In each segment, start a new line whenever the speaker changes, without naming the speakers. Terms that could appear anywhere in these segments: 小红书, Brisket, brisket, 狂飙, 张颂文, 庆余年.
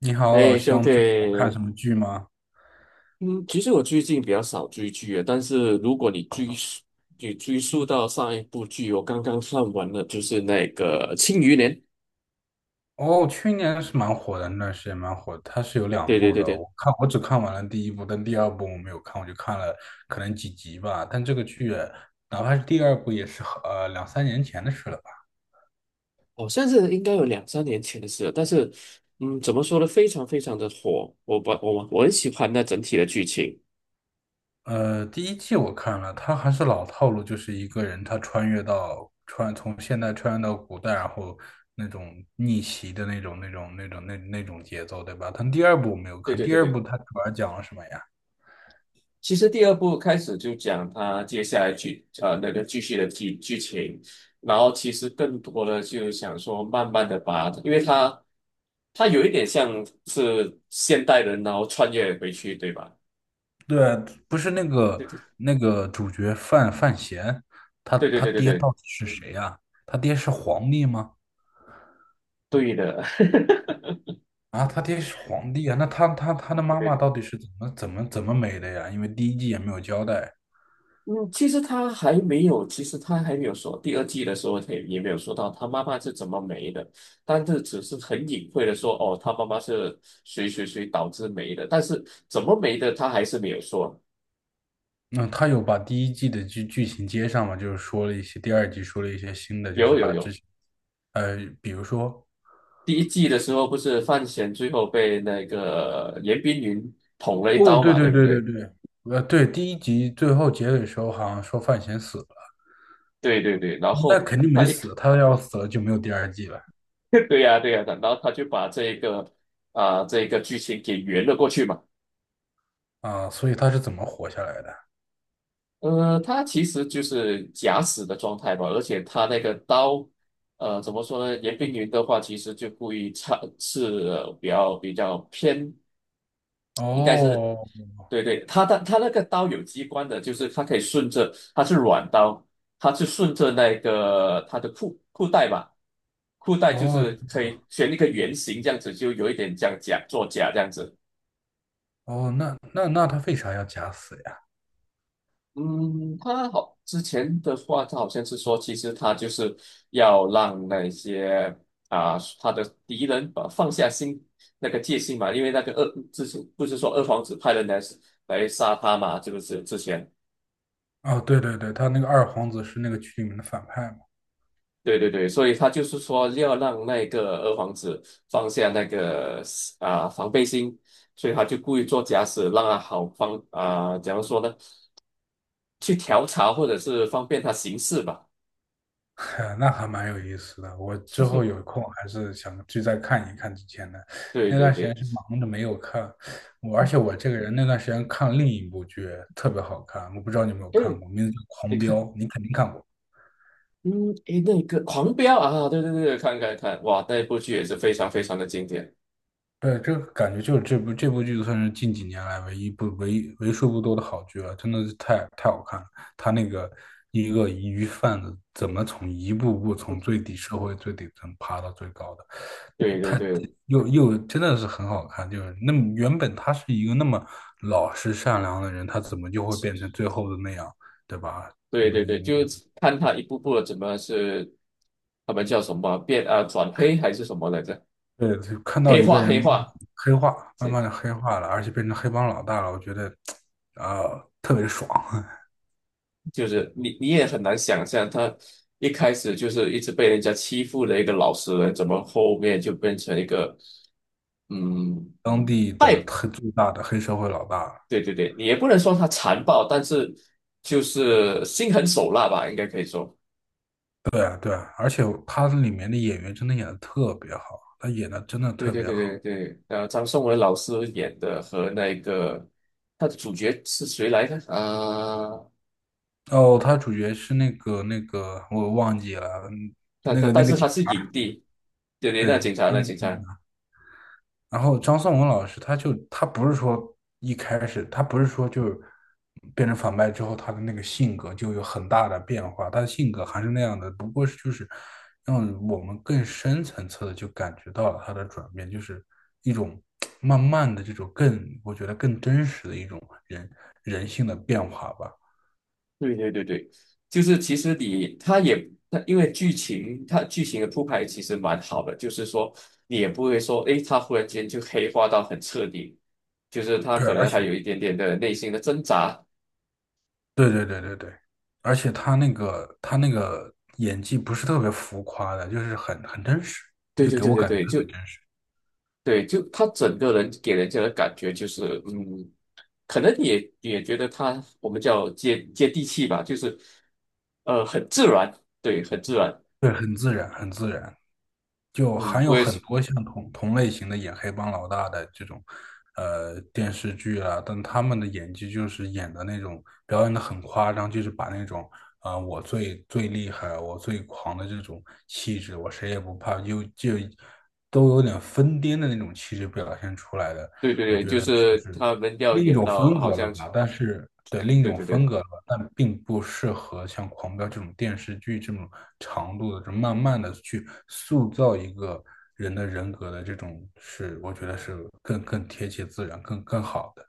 你好，老
哎，兄
兄，
弟，
最近有看什么剧吗？
嗯，其实我最近比较少追剧了，但是如果你追溯到上一部剧，我刚刚看完了，就是那个《庆余年》。
哦，去年是蛮火的，那段时间蛮火的。它是有两
对对
部
对
的，我
对，
看我只看完了第一部，但第二部我没有看，我就看了可能几集吧。但这个剧，哪怕是第二部，也是两三年前的事了吧。
好像是应该有两三年前的事了，但是，怎么说呢，非常非常的火，我把我我很喜欢那整体的剧情。
第一季我看了，它还是老套路，就是一个人他穿越到穿从现代穿越到古代，然后那种逆袭的那种节奏，对吧？但第二部我没有
对
看，
对
第
对
二部
对。
它主要讲了什么呀？
其实第二部开始就讲他接下来那个继续的剧情，然后其实更多的就想说慢慢的把，因为他有一点像是现代人，然后穿越回去，对吧？
对，不是那个
对
那个主角范闲，他
对对
他
对对
爹
对
到底是谁呀、他爹是皇帝吗？
对对的，对
啊，他爹是皇帝啊，那他他的
对
妈妈
对
到 底是怎么没的呀？因为第一季也没有交代。
嗯，其实他还没有说第二季的时候，他也没有说到他妈妈是怎么没的，但是只是很隐晦的说，哦，他妈妈是谁谁谁导致没的，但是怎么没的，他还是没有说。
那、他有把第一季的剧情接上吗？就是说了一些，第二季说了一些新的，就是
有有
把之
有，
前，比如说，
第一季的时候不是范闲最后被那个严冰云捅了一
哦，
刀嘛，对不对？
对，对，第一集最后结尾的时候好像说范闲死了，
对对对，然
那
后
肯定没死，他要死了就没有第二季了。
对呀、对呀、然后他就把这个剧情给圆了过去嘛。
啊，所以他是怎么活下来的？
他其实就是假死的状态吧，而且他那个刀，怎么说呢？严冰云的话，其实就故意插是比较偏，应该是，
哦
对对，他那个刀有机关的，就是它可以顺着，它是软刀，它是顺着那个他的裤带吧，裤带就
哦
是可以选一个圆形这样子，就有一点像假作假这样子。
哦，那他为啥要假死呀？
嗯，之前的话，他好像是说，其实他就是要让那些他的敌人把放下心那个戒心嘛，因为那个之前不是说二皇子派人来杀他嘛，这个是之前，
哦，对，他那个二皇子是那个剧里面的反派嘛。
对对对，所以他就是说要让那个二皇子放下那个防备心，所以他就故意做假死，让他好，怎样说呢？去调查或者是方便他行事吧，
那还蛮有意思的。我之后有空还是想去再看一看之前的。
对
那
对
段时
对。
间是忙着没有看，而且我这个人那段时间看另一部剧特别好看，我不知道你有没有
哎
看过，名字叫
你
《狂飙》，
看，
你肯定看过。
嗯，诶，那个《狂飙》啊，对对对，看看看，哇，那一部剧也是非常非常的经典。
对，这个感觉就是这部剧算是近几年来唯一不唯一为数不多的好剧了，真的是太好看了。他那个一个鱼贩子怎么一步步从最底最底层爬到最高的，
对对
太
对
真的是很好看。就是那么原本他是一个那么老实善良的人，他怎么就会变成最后的那样，对吧？
对对对，
你。
就是看他一步步的怎么是他们叫什么变啊转黑还是什么来着？
对，就看到
黑
一个
化
人
黑化，
慢
这
慢的黑化了，而且变成黑帮老大了，我觉得，啊、特别爽。
就是你也很难想象，他一开始就是一直被人家欺负的一个老实人，怎么后面就变成一个嗯，
当地的最大的黑社会老大。
对对对，你也不能说他残暴，但是就是心狠手辣吧，应该可以说。
对啊，对啊，而且他里面的演员真的演的特别好，他演的真的
对
特
对
别
对
好。
对对，张颂文老师演的和那个他的主角是谁来着？
哦，他主角是那个，我忘记了。嗯
他
那
他
个
但是
警
他是影
察，
帝，对对，那
对，
警察
他
那
那个
警察，
警然后张颂文老师他就他不是说一开始他不是说就变成反派之后他的那个性格就有很大的变化，他的性格还是那样的，不过是就是让我们更深层次的就感觉到了他的转变，就是一种 慢慢的这种我觉得更真实的一种人人性的变化吧。
对对对对，就是其实你他也他因为他剧情的铺排其实蛮好的，就是说你也不会说诶，他忽然间就黑化到很彻底，就是他
对，
可
而
能还
且
有一点点的内心的挣扎。
对对对对对，而且他那个演技不是特别浮夸的，就是很真实，
对
就
对
给
对
我
对
感觉
对，
特
就
别真实。
对，就他整个人给人家的感觉就是，可能你也觉得我们叫接地气吧，就是，很自然，对，很自然。
对，很自然，很自然，就
嗯，
还有
我也
很
是，
多像同类型的演黑帮老大的这种电视剧啊，但他们的演技就是演的那种表演的很夸张，就是把那种我最厉害，我最狂的这种气质，我谁也不怕，就都有点疯癫的那种气质表现出来的，
对对
我
对，
觉
就
得就
是
是
他们要
另一
演
种
到
风
好
格了
像，
吧，但是对另一
对
种
对
风
对。
格了吧，但并不适合像《狂飙》这种电视剧这种长度的，这慢慢的去塑造一个人的人格的这种是，我觉得是更贴切自然、更好的。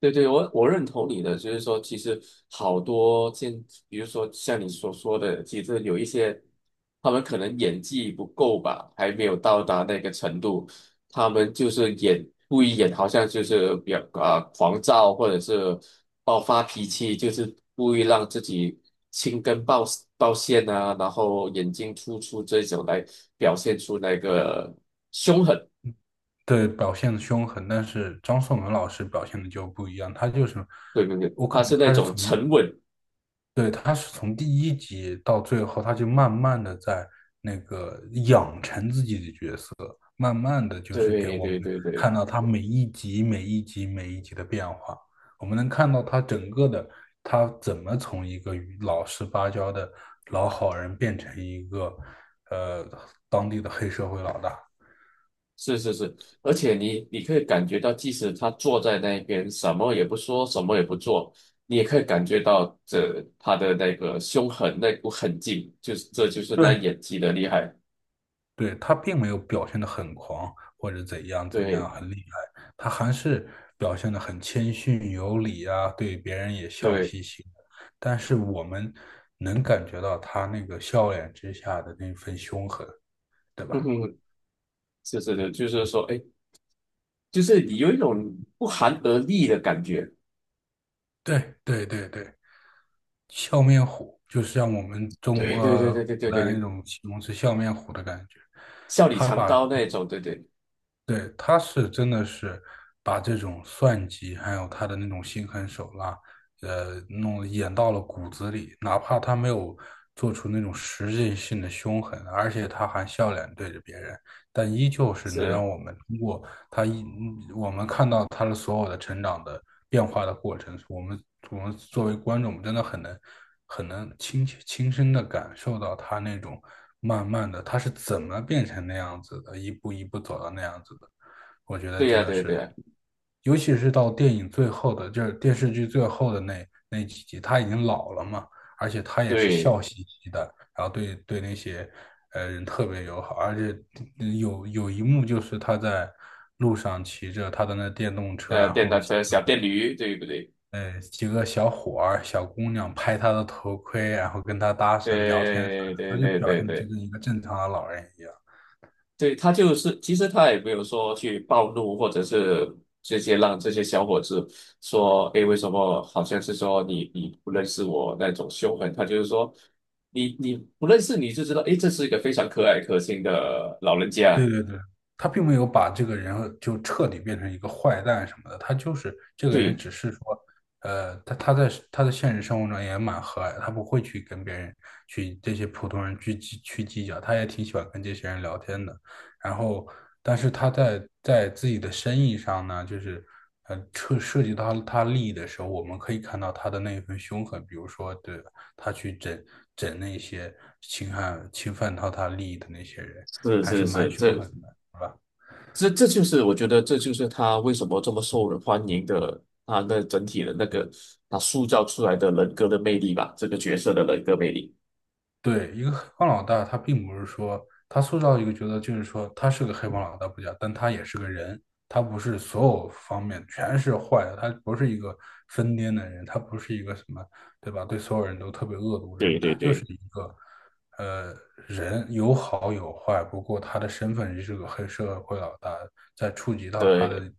对对，我认同你的，就是说，其实好多现，比如说像你所说的，其实有一些他们可能演技不够吧，还没有到达那个程度，他们就是故意演，好像就是比较狂躁或者是爆发脾气，就是故意让自己青筋暴现啊，然后眼睛突出这种来表现出那个凶狠。
对，表现的凶狠，但是张颂文老师表现的就不一样，他就是
对对对，
我
他
感觉
是那
他是
种
从
沉稳。
对，他是从第一集到最后，他就慢慢的在那个养成自己的角色，慢慢的就是给
对
我们
对对对。
看到他每一集、每一集、每一集的变化。我们能看到他整个的，他怎么从一个老实巴交的老好人变成一个，呃，当地的黑社会老大。
是是是，而且你可以感觉到，即使他坐在那边，什么也不说，什么也不做，你也可以感觉到他的那个凶狠那股狠劲，就是这就是他
对，
演技的厉害。
对，他并没有表现得很狂或者怎样
对
很厉害，他还是表现得很谦逊有礼啊，对别人也笑
对，
嘻嘻的。但是我们能感觉到他那个笑脸之下的那份凶狠，对
嗯
吧？
哼，是是的，就是说，哎，就是你有一种不寒而栗的感觉。
对，笑面虎就是像我们中
对对对
国
对对
古
对
代那
对，
种形容词笑面虎的感觉，
笑里
他
藏
把
刀那种，对对
对，他是真的是把这种算计，还有他的那种心狠手辣，演到了骨子里。哪怕他没有做出那种实质性的凶狠，而且他还笑脸对着别人，但依旧是能
是，
让我们通过他一，我们看到他的所有的成长的变化的过程。我们作为观众，真的很能亲身的感受到他那种慢慢的他是怎么变成那样子的，一步一步走到那样子的，我觉得
对
真
呀、
的
对对
是，
呀、
尤其是到电影最后的，就是电视剧最后的那几集，他已经老了嘛，而且他也是
对，
笑嘻嘻的，然后对那些人特别友好，而且有一幕就是他在路上骑着他的那电动车，然
电
后
单车小电驴，对不对？
几个小伙儿、小姑娘拍他的头盔，然后跟他搭讪聊天啥
对
的，他
对
就
对
表
对
现的就
对。
跟一个正常的老人一样。
对，他就是，其实他也没有说去暴怒，或者是直接让这些小伙子说，诶，为什么好像是说你不认识我那种凶狠，他就是说，你不认识你就知道，诶，这是一个非常可爱可亲的老人家。
对对对，他并没有把这个人就彻底变成一个坏蛋什么的，他就是这个人，
对，
只是说，他在他的现实生活中也蛮和蔼的，他不会去跟别人去这些普通人去计较，他也挺喜欢跟这些人聊天的。然后，但是他在自己的生意上呢，就是涉及到他利益的时候，我们可以看到他的那一份凶狠，比如说，对，他去整那些侵犯到他利益的那些人。
是
还是
是
蛮
是，
凶
这
狠的，是吧？
这这就是我觉得这就是他为什么这么受人欢迎的，他那整体的那个他塑造出来的人格的魅力吧，这个角色的人格魅力。
对，一个黑帮老大，他并不是说他塑造一个角色，就是说他是个黑帮老大不假，但他也是个人，他不是所有方面全是坏的，他不是一个疯癫的人，他不是一个什么，对吧？对所有人都特别恶毒的
对
人，他
对
就是
对，
一个呃人，有好有坏，不过他的身份是个黑社会老大，在触及到他
对。
的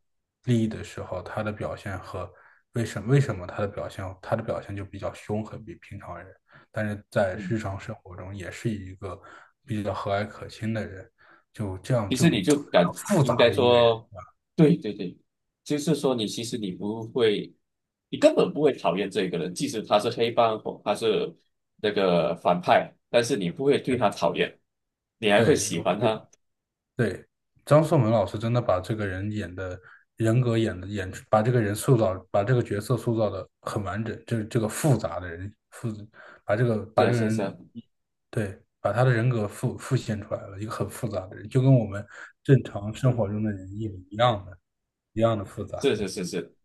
利益的时候，他的表现和为什为什么他的表现，就比较凶狠，比平常人。但是在日常生活中也是一个比较和蔼可亲的人，就这样
其
就
实
很
你就感
复
应
杂
该
的一个人。
说，对对对，就是说你其实你不会，你根本不会讨厌这个人，即使他是黑帮或他是那个反派，但是你不会对他讨厌，你还会
对，
喜
我
欢
觉得
他。
对，张颂文老师真的把这个人人格演出，把这个角色塑造的很完整，就是这个复杂的人复，把这个
是
把这
啊，
个
是啊，是啊，
人，对，把他的人格复现出来了，一个很复杂的人，就跟我们正常生
嗯，
活中的人一样的，一样的复杂。
是是是是，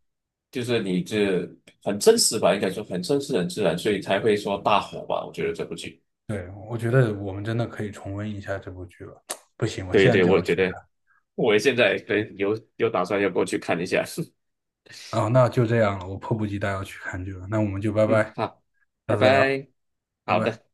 就是你这很真实吧，应该说很真实、很自然，所以才会说大火吧。我觉得这部剧，
对，我觉得我们真的可以重温一下这部剧了。不行，我
对
现在
对，
就
我
要
觉
去
得
看。
我现在可能有打算要过去看一下。
啊，那就这样了，我迫不及待要去看剧了。那我们就拜
嗯，
拜，
好，
下
拜
次再聊，
拜，
拜
好
拜。
的。